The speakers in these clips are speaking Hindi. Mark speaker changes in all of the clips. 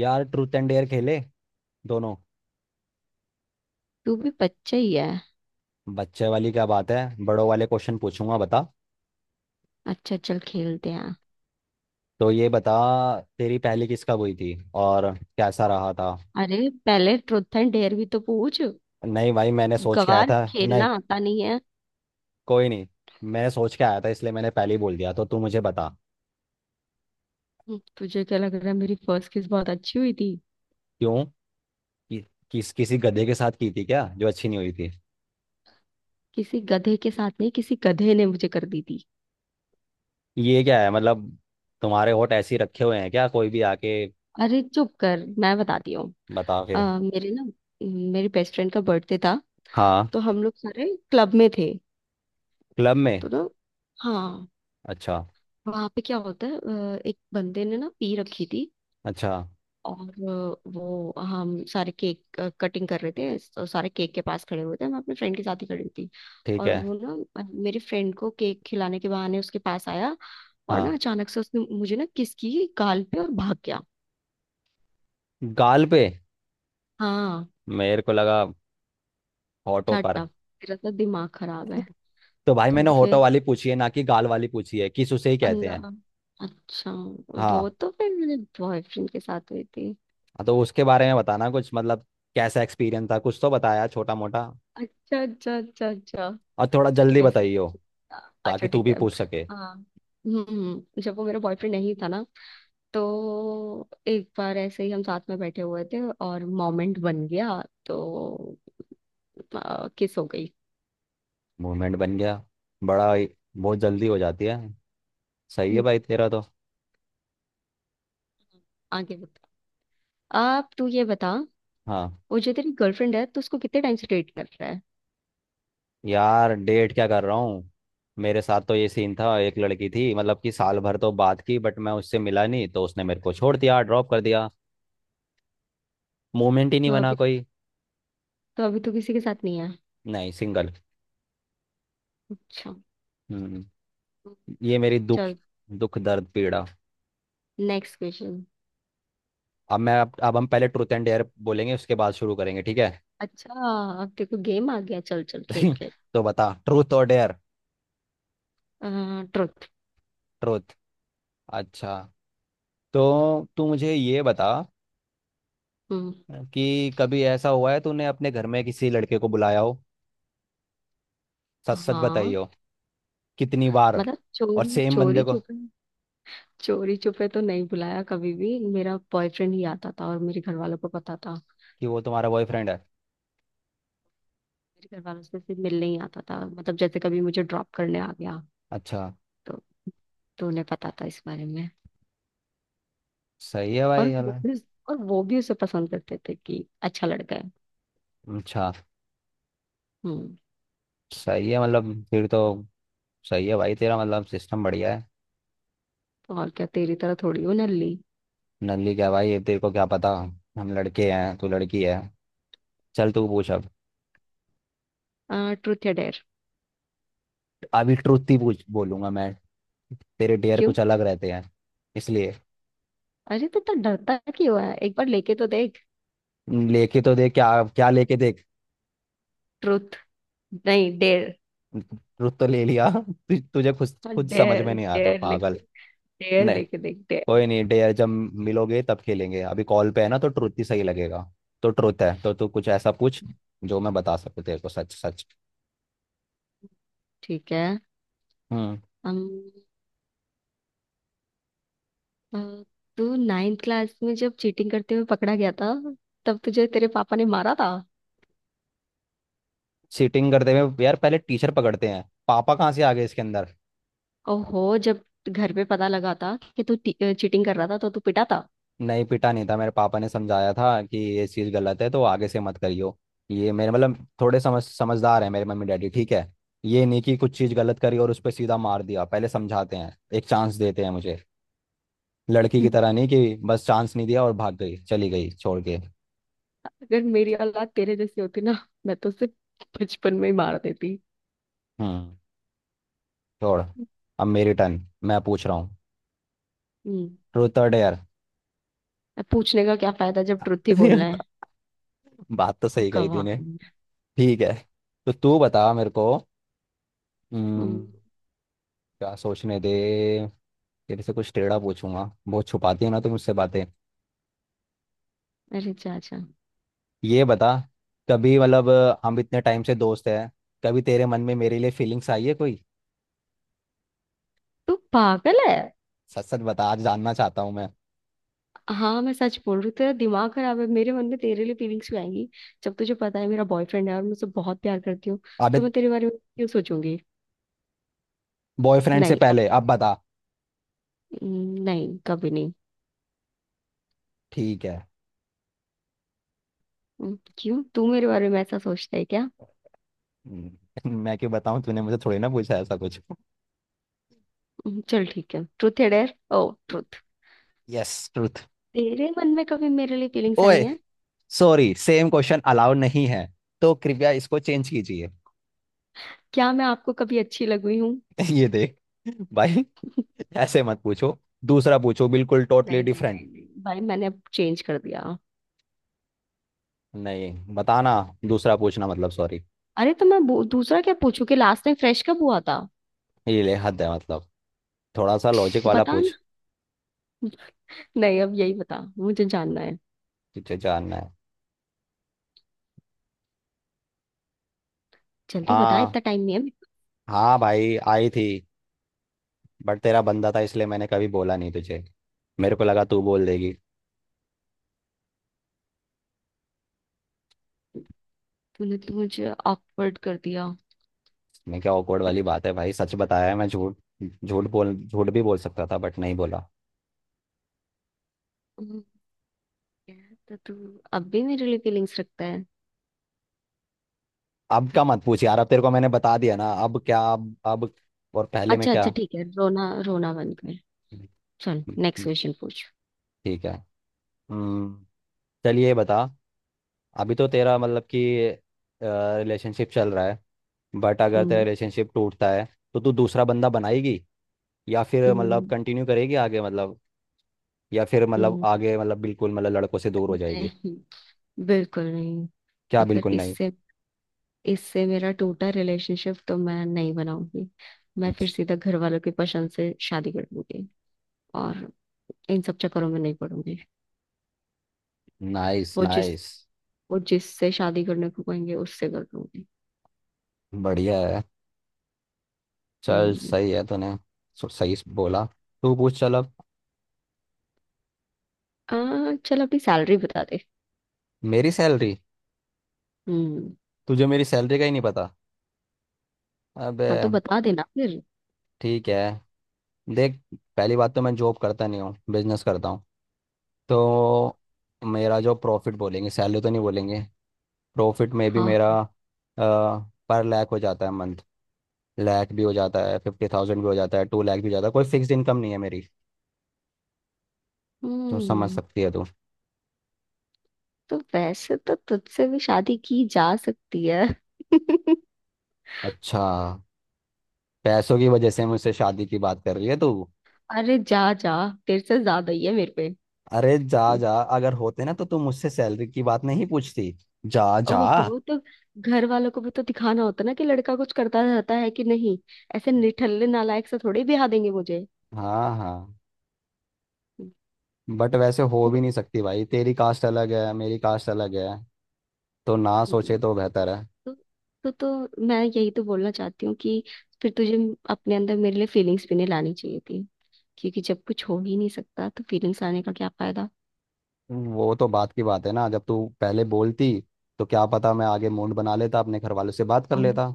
Speaker 1: यार ट्रूथ एंड डेयर खेले। दोनों।
Speaker 2: तू भी बच्चा ही है।
Speaker 1: बच्चे वाली क्या बात है। बड़ों वाले क्वेश्चन पूछूंगा, बता।
Speaker 2: अच्छा, चल खेलते हैं।
Speaker 1: तो ये बता, तेरी पहली किस कब हुई थी और कैसा रहा था।
Speaker 2: अरे पहले ट्रुथ एंड डेयर भी तो पूछ।
Speaker 1: नहीं भाई, मैंने सोच के आया
Speaker 2: गवार,
Speaker 1: था नहीं।
Speaker 2: खेलना आता नहीं है।
Speaker 1: कोई नहीं, मैंने सोच के आया था इसलिए मैंने पहले ही बोल दिया। तो तू मुझे बता।
Speaker 2: तुझे क्या लग रहा है मेरी फर्स्ट किस बहुत अच्छी हुई थी?
Speaker 1: क्यों? कि, किस किसी गधे के साथ की थी क्या जो अच्छी नहीं हुई थी।
Speaker 2: किसी गधे के साथ नहीं, किसी गधे ने मुझे कर दी थी।
Speaker 1: ये क्या है मतलब, तुम्हारे होठ ऐसे ही रखे हुए हैं क्या, कोई भी आके?
Speaker 2: अरे चुप कर, मैं बताती हूँ।
Speaker 1: बता फिर।
Speaker 2: मेरे ना मेरी बेस्ट फ्रेंड का बर्थडे था।
Speaker 1: हाँ।
Speaker 2: तो हम लोग सारे क्लब में थे।
Speaker 1: क्लब में?
Speaker 2: तो ना हाँ,
Speaker 1: अच्छा।
Speaker 2: वहां पे क्या होता है, एक बंदे ने ना पी रखी थी।
Speaker 1: अच्छा।
Speaker 2: और वो हम सारे केक कटिंग कर रहे थे तो सारे केक के पास खड़े हुए थे, मैं अपने फ्रेंड के साथ ही खड़ी थी।
Speaker 1: ठीक
Speaker 2: और
Speaker 1: है।
Speaker 2: वो ना मेरे फ्रेंड को केक खिलाने के बहाने उसके पास आया। और ना
Speaker 1: हाँ।
Speaker 2: अचानक से उसने मुझे ना किस की गाल पे और भाग गया।
Speaker 1: गाल पे?
Speaker 2: हाँ।
Speaker 1: मेरे को लगा होटो पर।
Speaker 2: टाटा, तेरा तो दिमाग खराब है।
Speaker 1: तो भाई
Speaker 2: तो
Speaker 1: मैंने होटो
Speaker 2: फिर।
Speaker 1: वाली पूछी है ना कि गाल वाली पूछी है, किस उसे ही कहते हैं।
Speaker 2: अल्लाह। अच्छा। वो
Speaker 1: हाँ।
Speaker 2: तो फिर मेरे बॉयफ्रेंड के साथ हुई थी।
Speaker 1: हाँ, तो उसके बारे में बताना कुछ, मतलब कैसा एक्सपीरियंस था, कुछ तो बताया छोटा मोटा।
Speaker 2: अच्छा अच्छा अच्छा अच्छा।
Speaker 1: और थोड़ा जल्दी
Speaker 2: कैसे?
Speaker 1: बताइयो,
Speaker 2: अच्छा
Speaker 1: ताकि तू
Speaker 2: ठीक
Speaker 1: भी
Speaker 2: है।
Speaker 1: पूछ सके।
Speaker 2: हाँ। जब वो मेरा बॉयफ्रेंड नहीं था ना, तो एक बार ऐसे ही हम साथ में बैठे हुए थे और मोमेंट बन गया तो किस हो गई।
Speaker 1: मूवमेंट बन गया। बड़ा ही- बहुत जल्दी हो जाती है। सही है
Speaker 2: हम्म,
Speaker 1: भाई तेरा तो।
Speaker 2: आगे बता। आप तू ये बता,
Speaker 1: हाँ।
Speaker 2: वो जो तेरी गर्लफ्रेंड है तो उसको कितने टाइम से डेट कर रहा है?
Speaker 1: यार डेट क्या कर रहा हूँ। मेरे साथ तो ये सीन था, एक लड़की थी, मतलब कि साल भर तो बात की बट मैं उससे मिला नहीं, तो उसने मेरे को छोड़ दिया, ड्रॉप कर दिया। मूवमेंट ही नहीं
Speaker 2: तो
Speaker 1: बना
Speaker 2: अभी
Speaker 1: कोई।
Speaker 2: तो अभी तो किसी के साथ नहीं है।
Speaker 1: नहीं, सिंगल।
Speaker 2: अच्छा।
Speaker 1: हम्म। ये मेरी दुख,
Speaker 2: चल,
Speaker 1: दुख दर्द पीड़ा।
Speaker 2: Next question.
Speaker 1: अब हम पहले ट्रूथ एंड डेयर बोलेंगे, उसके बाद शुरू करेंगे, ठीक है।
Speaker 2: अच्छा। अब देखो, गेम आ गया। चल चल खेल खेल।
Speaker 1: तो बता, ट्रूथ और डेयर।
Speaker 2: ट्रुथ।
Speaker 1: ट्रूथ। अच्छा। तो तू मुझे ये बता,
Speaker 2: हम्म।
Speaker 1: कि कभी ऐसा हुआ है तूने अपने घर में किसी लड़के को बुलाया हो, सच सच बताई
Speaker 2: हाँ।
Speaker 1: हो। कितनी बार?
Speaker 2: मतलब
Speaker 1: और
Speaker 2: चोरी
Speaker 1: सेम
Speaker 2: चोरी
Speaker 1: बंदे को?
Speaker 2: छुपे? चोरी छुपे तो नहीं बुलाया कभी भी, मेरा बॉयफ्रेंड ही आता था और मेरे घर वालों को पता था।
Speaker 1: कि वो तुम्हारा बॉयफ्रेंड है?
Speaker 2: मेरे घर वालों से सिर्फ मिलने ही आता था, मतलब जैसे कभी मुझे ड्रॉप करने आ गया।
Speaker 1: अच्छा।
Speaker 2: तो तो उन्हें पता था इस बारे में।
Speaker 1: सही है भाई
Speaker 2: और
Speaker 1: यार।
Speaker 2: वो भी और वो भी उसे पसंद करते थे कि अच्छा लड़का है।
Speaker 1: अच्छा।
Speaker 2: हम्म।
Speaker 1: सही है, मतलब फिर तो सही है भाई तेरा, मतलब सिस्टम बढ़िया है।
Speaker 2: तो और क्या, तेरी तरह थोड़ी हूँ नल्ली।
Speaker 1: नल्ली क्या भाई, ये तेरे को क्या पता। हम लड़के हैं, तू लड़की है। चल तू पूछ अब।
Speaker 2: ट्रुथ या डेयर?
Speaker 1: अभी ट्रुथ ही पूछ, बोलूंगा मैं, तेरे डेयर
Speaker 2: क्यों?
Speaker 1: कुछ अलग रहते हैं। इसलिए।
Speaker 2: अरे तो डरता क्यों है, एक बार लेके तो देख।
Speaker 1: लेके तो देख क्या? क्या लेके देख?
Speaker 2: ट्रुथ। नहीं, डेयर।
Speaker 1: ट्रुथ तो ले लिया, तुझे खुद खुद समझ
Speaker 2: डेयर,
Speaker 1: में नहीं आ रहा
Speaker 2: डेयर
Speaker 1: पागल।
Speaker 2: लेके, डेयर
Speaker 1: नहीं।
Speaker 2: लेके देख डेयर।
Speaker 1: कोई नहीं, डेयर जब मिलोगे तब खेलेंगे, अभी कॉल पे है ना तो ट्रुथ ही सही लगेगा। तो ट्रुथ है तो तू कुछ ऐसा पूछ जो मैं बता सकूं तेरे को सच सच।
Speaker 2: ठीक है।
Speaker 1: हम्म।
Speaker 2: हम अ, तू नाइन्थ क्लास में जब चीटिंग करते हुए पकड़ा गया था तब तुझे तेरे पापा ने मारा था।
Speaker 1: चीटिंग करते हुए? यार पहले टीचर पकड़ते हैं, पापा कहाँ से आ गए इसके अंदर।
Speaker 2: ओहो, जब घर पे पता लगा था कि तू चीटिंग कर रहा था तो तू पिटा था।
Speaker 1: नहीं पिटा नहीं था, मेरे पापा ने समझाया था कि ये चीज़ गलत है तो आगे से मत करियो। ये मेरे मतलब थोड़े समझदार है मेरे मम्मी डैडी, ठीक है। ये नहीं कि कुछ चीज़ गलत करी और उस पर सीधा मार दिया, पहले समझाते हैं, एक चांस देते हैं मुझे। लड़की की
Speaker 2: हम्म।
Speaker 1: तरह नहीं कि बस चांस नहीं दिया और भाग गई, चली गई छोड़ के।
Speaker 2: अगर मेरी औलाद तेरे जैसी होती ना, मैं तो उसे बचपन में ही मार देती।
Speaker 1: हम्म। छोड़। अब मेरी टर्न, मैं पूछ रहा हूँ।
Speaker 2: हम्म।
Speaker 1: ट्रूथ और डेयर।
Speaker 2: अब पूछने का क्या फायदा जब ट्रुथ ही बोलना है।
Speaker 1: बात तो सही कही
Speaker 2: गवाह।
Speaker 1: तूने। ठीक है। तो तू बता मेरे को।
Speaker 2: हम्म।
Speaker 1: हम्म, क्या, सोचने दे। तेरे से कुछ टेढ़ा पूछूंगा, बहुत छुपाती है ना तू मुझसे बातें।
Speaker 2: अरे चाचा।
Speaker 1: ये बता, कभी मतलब हम इतने टाइम से दोस्त हैं, कभी तेरे मन में मेरे लिए फीलिंग्स आई है कोई?
Speaker 2: तू पागल है।
Speaker 1: सच सच बता, आज जानना चाहता हूँ मैं।
Speaker 2: हाँ, मैं सच बोल रही हूँ, तेरा दिमाग खराब है। मेरे मन में तेरे लिए फीलिंग्स क्यों आएंगी जब तुझे पता है मेरा बॉयफ्रेंड है और मैं उसे बहुत प्यार करती हूँ।
Speaker 1: अबे,
Speaker 2: तो मैं तेरे बारे में क्यों सोचूंगी?
Speaker 1: बॉयफ्रेंड से
Speaker 2: नहीं अब।
Speaker 1: पहले, अब बता।
Speaker 2: नहीं, कभी नहीं।
Speaker 1: ठीक है।
Speaker 2: क्यों, तू मेरे बारे में ऐसा सोचता है क्या?
Speaker 1: मैं क्यों बताऊँ, तूने मुझे थोड़ी ना पूछा ऐसा कुछ।
Speaker 2: चल ठीक है। ट्रुथ है डेयर, ओ ट्रुथ।
Speaker 1: Yes, truth.
Speaker 2: तेरे मन में कभी मेरे लिए फीलिंग्स आई
Speaker 1: ओए,
Speaker 2: हैं?
Speaker 1: सॉरी, सेम क्वेश्चन अलाउड नहीं है, तो कृपया इसको चेंज कीजिए।
Speaker 2: क्या मैं आपको कभी अच्छी लग हुई हूँ?
Speaker 1: ये देख, भाई ऐसे मत पूछो, दूसरा पूछो, बिल्कुल टोटली
Speaker 2: नहीं नहीं
Speaker 1: डिफरेंट।
Speaker 2: नहीं नहीं, भाई मैंने अब चेंज कर दिया।
Speaker 1: नहीं बताना, दूसरा पूछना, मतलब सॉरी।
Speaker 2: अरे तो मैं दूसरा क्या पूछूं, कि लास्ट टाइम फ्रेश कब हुआ था?
Speaker 1: ये ले, हद है मतलब। थोड़ा सा लॉजिक वाला
Speaker 2: बता ना,
Speaker 1: पूछ।
Speaker 2: नहीं अब यही बता, मुझे जानना है।
Speaker 1: तुझे जानना है?
Speaker 2: जल्दी बता,
Speaker 1: हाँ।
Speaker 2: इतना टाइम नहीं है अभी।
Speaker 1: हाँ भाई आई थी, बट तेरा बंदा था इसलिए मैंने कभी बोला नहीं तुझे, मेरे को लगा तू बोल देगी।
Speaker 2: तूने तो मुझे ऑकवर्ड कर दिया।
Speaker 1: मैं क्या awkward वाली बात है भाई, सच बताया है, मैं झूठ, झूठ बोल, झूठ भी बोल सकता था बट नहीं बोला।
Speaker 2: हम्म, तो तू अब भी मेरे लिए फीलिंग्स रखता है?
Speaker 1: अब का मत पूछ यार, अब तेरे को मैंने बता दिया ना, अब क्या अब और पहले में
Speaker 2: अच्छा अच्छा
Speaker 1: क्या।
Speaker 2: ठीक है, रोना रोना बंद कर। चल, नेक्स्ट
Speaker 1: ठीक
Speaker 2: क्वेश्चन पूछ।
Speaker 1: है। हम्म। चलिए ये बता, अभी तो तेरा मतलब कि रिलेशनशिप चल रहा है, बट अगर तेरा
Speaker 2: हम्म।
Speaker 1: रिलेशनशिप टूटता है, तो तू दूसरा बंदा बनाएगी, या फिर मतलब
Speaker 2: हम्म।
Speaker 1: कंटिन्यू करेगी आगे, मतलब, या फिर मतलब
Speaker 2: हम्म।
Speaker 1: आगे मतलब बिल्कुल मतलब लड़कों से दूर हो जाएगी।
Speaker 2: नहीं, बिल्कुल नहीं।
Speaker 1: क्या
Speaker 2: अगर
Speaker 1: बिल्कुल नहीं?
Speaker 2: इससे इससे मेरा टूटा रिलेशनशिप तो मैं नहीं बनाऊंगी, मैं फिर
Speaker 1: अच्छा।
Speaker 2: सीधा घर वालों की पसंद से शादी कर लूंगी और इन सब चक्करों में नहीं पड़ूंगी।
Speaker 1: नाइस
Speaker 2: वो जिस
Speaker 1: नाइस।
Speaker 2: वो जिससे शादी करने को कहेंगे उससे कर लूंगी।
Speaker 1: बढ़िया है, चल
Speaker 2: हम्म।
Speaker 1: सही है तूने, सही बोला। तू पूछ चल अब।
Speaker 2: चल अपनी सैलरी बता दे।
Speaker 1: मेरी सैलरी?
Speaker 2: हम्म।
Speaker 1: तुझे मेरी सैलरी का ही नहीं पता? अबे।
Speaker 2: हाँ तो बता देना फिर।
Speaker 1: ठीक है, देख, पहली बात तो मैं जॉब करता नहीं हूँ, बिजनेस करता हूँ, तो मेरा जो प्रॉफिट बोलेंगे, सैलरी तो नहीं बोलेंगे। प्रॉफिट में भी
Speaker 2: हाँ
Speaker 1: मेरा
Speaker 2: हाँ।
Speaker 1: पर लैक हो जाता है मंथ, लैक भी हो जाता है, फिफ्टी थाउजेंड भी हो जाता है, टू लैक भी हो जाता है, कोई फिक्स्ड इनकम नहीं है मेरी। तो समझ
Speaker 2: हम्म।
Speaker 1: सकती है तू।
Speaker 2: तो वैसे तो तुझसे भी शादी की जा सकती है।
Speaker 1: अच्छा, पैसों की वजह से मुझसे शादी की बात कर रही है तू?
Speaker 2: अरे जा जा, तेरे से ज्यादा ही है मेरे पे।
Speaker 1: अरे जा
Speaker 2: हम्म,
Speaker 1: जा, अगर होते ना तो तू मुझसे सैलरी की बात नहीं पूछती। जा जा।
Speaker 2: अब हो तो घर वालों को भी तो दिखाना होता ना कि लड़का कुछ करता रहता है कि नहीं। ऐसे निठल्ले नालायक से थोड़ी ब्याह देंगे मुझे।
Speaker 1: हाँ हाँ।
Speaker 2: हम्म,
Speaker 1: बट वैसे हो भी नहीं सकती भाई, तेरी कास्ट अलग है, मेरी कास्ट अलग है, तो ना
Speaker 2: हम्म।
Speaker 1: सोचे तो बेहतर है।
Speaker 2: तो, तो मैं यही तो बोलना चाहती हूँ कि फिर तुझे अपने अंदर मेरे लिए फीलिंग्स भी नहीं लानी चाहिए, क्योंकि जब कुछ हो ही नहीं सकता तो फीलिंग्स आने का क्या फायदा।
Speaker 1: वो तो बात की बात है ना, जब तू पहले बोलती तो क्या पता मैं आगे मूड बना लेता, अपने घर वालों से बात कर
Speaker 2: हम्म।
Speaker 1: लेता।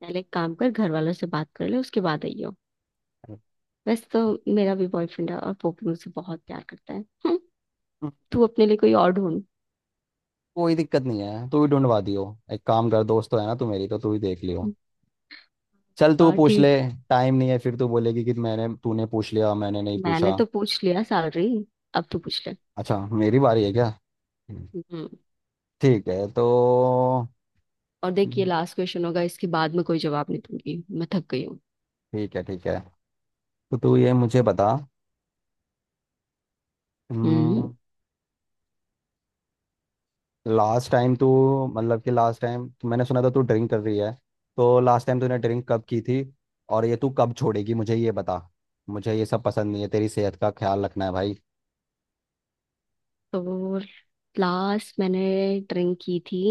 Speaker 2: पहले एक काम कर, घर वालों से बात कर ले, उसके बाद आइयो। वैसे तो मेरा भी बॉयफ्रेंड है और वो भी मुझसे बहुत प्यार करता है। हम्म, तू अपने लिए कोई और ढूंढ।
Speaker 1: कोई दिक्कत नहीं है, तू ही ढूंढवा दियो। एक काम कर, दोस्त तो है ना तू मेरी, तो तू ही देख लियो। चल तू
Speaker 2: वाह
Speaker 1: पूछ ले,
Speaker 2: ठीक।
Speaker 1: टाइम नहीं है, फिर तू बोलेगी कि मैंने, तूने पूछ लिया मैंने नहीं
Speaker 2: मैंने
Speaker 1: पूछा।
Speaker 2: तो पूछ लिया सैलरी, अब तू पूछ ले।
Speaker 1: अच्छा मेरी बारी है क्या?
Speaker 2: हम्म।
Speaker 1: ठीक है तो।
Speaker 2: और देख, ये
Speaker 1: ठीक
Speaker 2: लास्ट क्वेश्चन होगा, इसके बाद में कोई जवाब नहीं दूंगी, मैं थक गई हूँ।
Speaker 1: है, ठीक है। तो तू ये मुझे बता। हम्म,
Speaker 2: हम्म।
Speaker 1: लास्ट टाइम तू, मतलब कि लास्ट टाइम तो मैंने सुना था तू ड्रिंक कर रही है, तो लास्ट टाइम तूने ड्रिंक कब की थी, और ये तू कब छोड़ेगी मुझे ये बता, मुझे ये सब पसंद नहीं है, तेरी सेहत का ख्याल रखना है भाई।
Speaker 2: तो लास्ट मैंने ड्रिंक की थी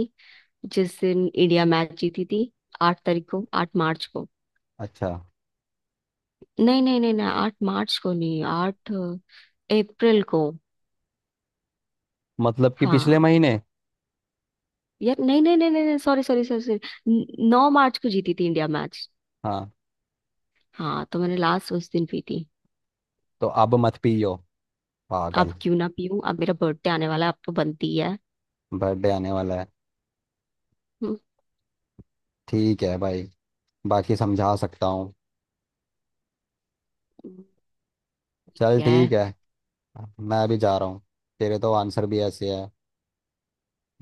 Speaker 2: जिस दिन इंडिया मैच जीती थी, 8 तारीख को, 8 मार्च को।
Speaker 1: अच्छा।
Speaker 2: नहीं नहीं नहीं नहीं, 8 मार्च को नहीं, 8 अप्रैल को।
Speaker 1: मतलब कि
Speaker 2: हाँ।
Speaker 1: पिछले महीने?
Speaker 2: यार नहीं नहीं नहीं नहीं सॉरी सॉरी सॉरी सॉरी, 9 मार्च को जीती थी इंडिया मैच।
Speaker 1: हाँ,
Speaker 2: हाँ, तो मैंने लास्ट उस दिन पी थी।
Speaker 1: तो अब मत पियो
Speaker 2: अब
Speaker 1: पागल।
Speaker 2: क्यों ना पीऊं, अब मेरा बर्थडे आने वाला है, अब तो बनती है।
Speaker 1: बर्थडे आने वाला है?
Speaker 2: हम्म,
Speaker 1: ठीक है भाई, बाकी समझा सकता हूँ। चल
Speaker 2: क्या
Speaker 1: ठीक
Speaker 2: है?
Speaker 1: है। मैं भी जा रहा हूँ। तेरे तो आंसर भी ऐसे है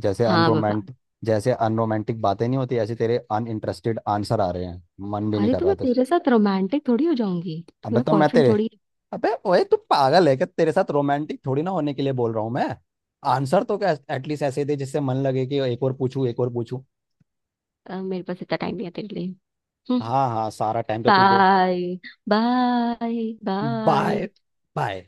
Speaker 1: जैसे
Speaker 2: हाँ बाबा।
Speaker 1: अनरोमांट जैसे अनरोमांटिक बातें नहीं होती, ऐसे तेरे अनइंटरेस्टेड आंसर आ रहे हैं, मन भी नहीं
Speaker 2: अरे
Speaker 1: कर
Speaker 2: तो
Speaker 1: रहा
Speaker 2: मैं
Speaker 1: था।
Speaker 2: तेरे साथ रोमांटिक थोड़ी हो जाऊंगी, तू
Speaker 1: अबे
Speaker 2: मेरा
Speaker 1: तो मैं
Speaker 2: बॉयफ्रेंड
Speaker 1: तेरे
Speaker 2: थोड़ी है।
Speaker 1: अबे ओए तू पागल है क्या, तेरे साथ रोमांटिक थोड़ी ना होने के लिए बोल रहा हूँ मैं। आंसर तो क्या एटलीस्ट ऐसे दे जिससे मन लगे कि एक और पूछूं, एक और पूछूं।
Speaker 2: मेरे पास इतना टाइम नहीं है तेरे लिए।
Speaker 1: हाँ हाँ, सारा टाइम तो तू दो।
Speaker 2: Bye bye
Speaker 1: bye.
Speaker 2: Bye.
Speaker 1: Bye.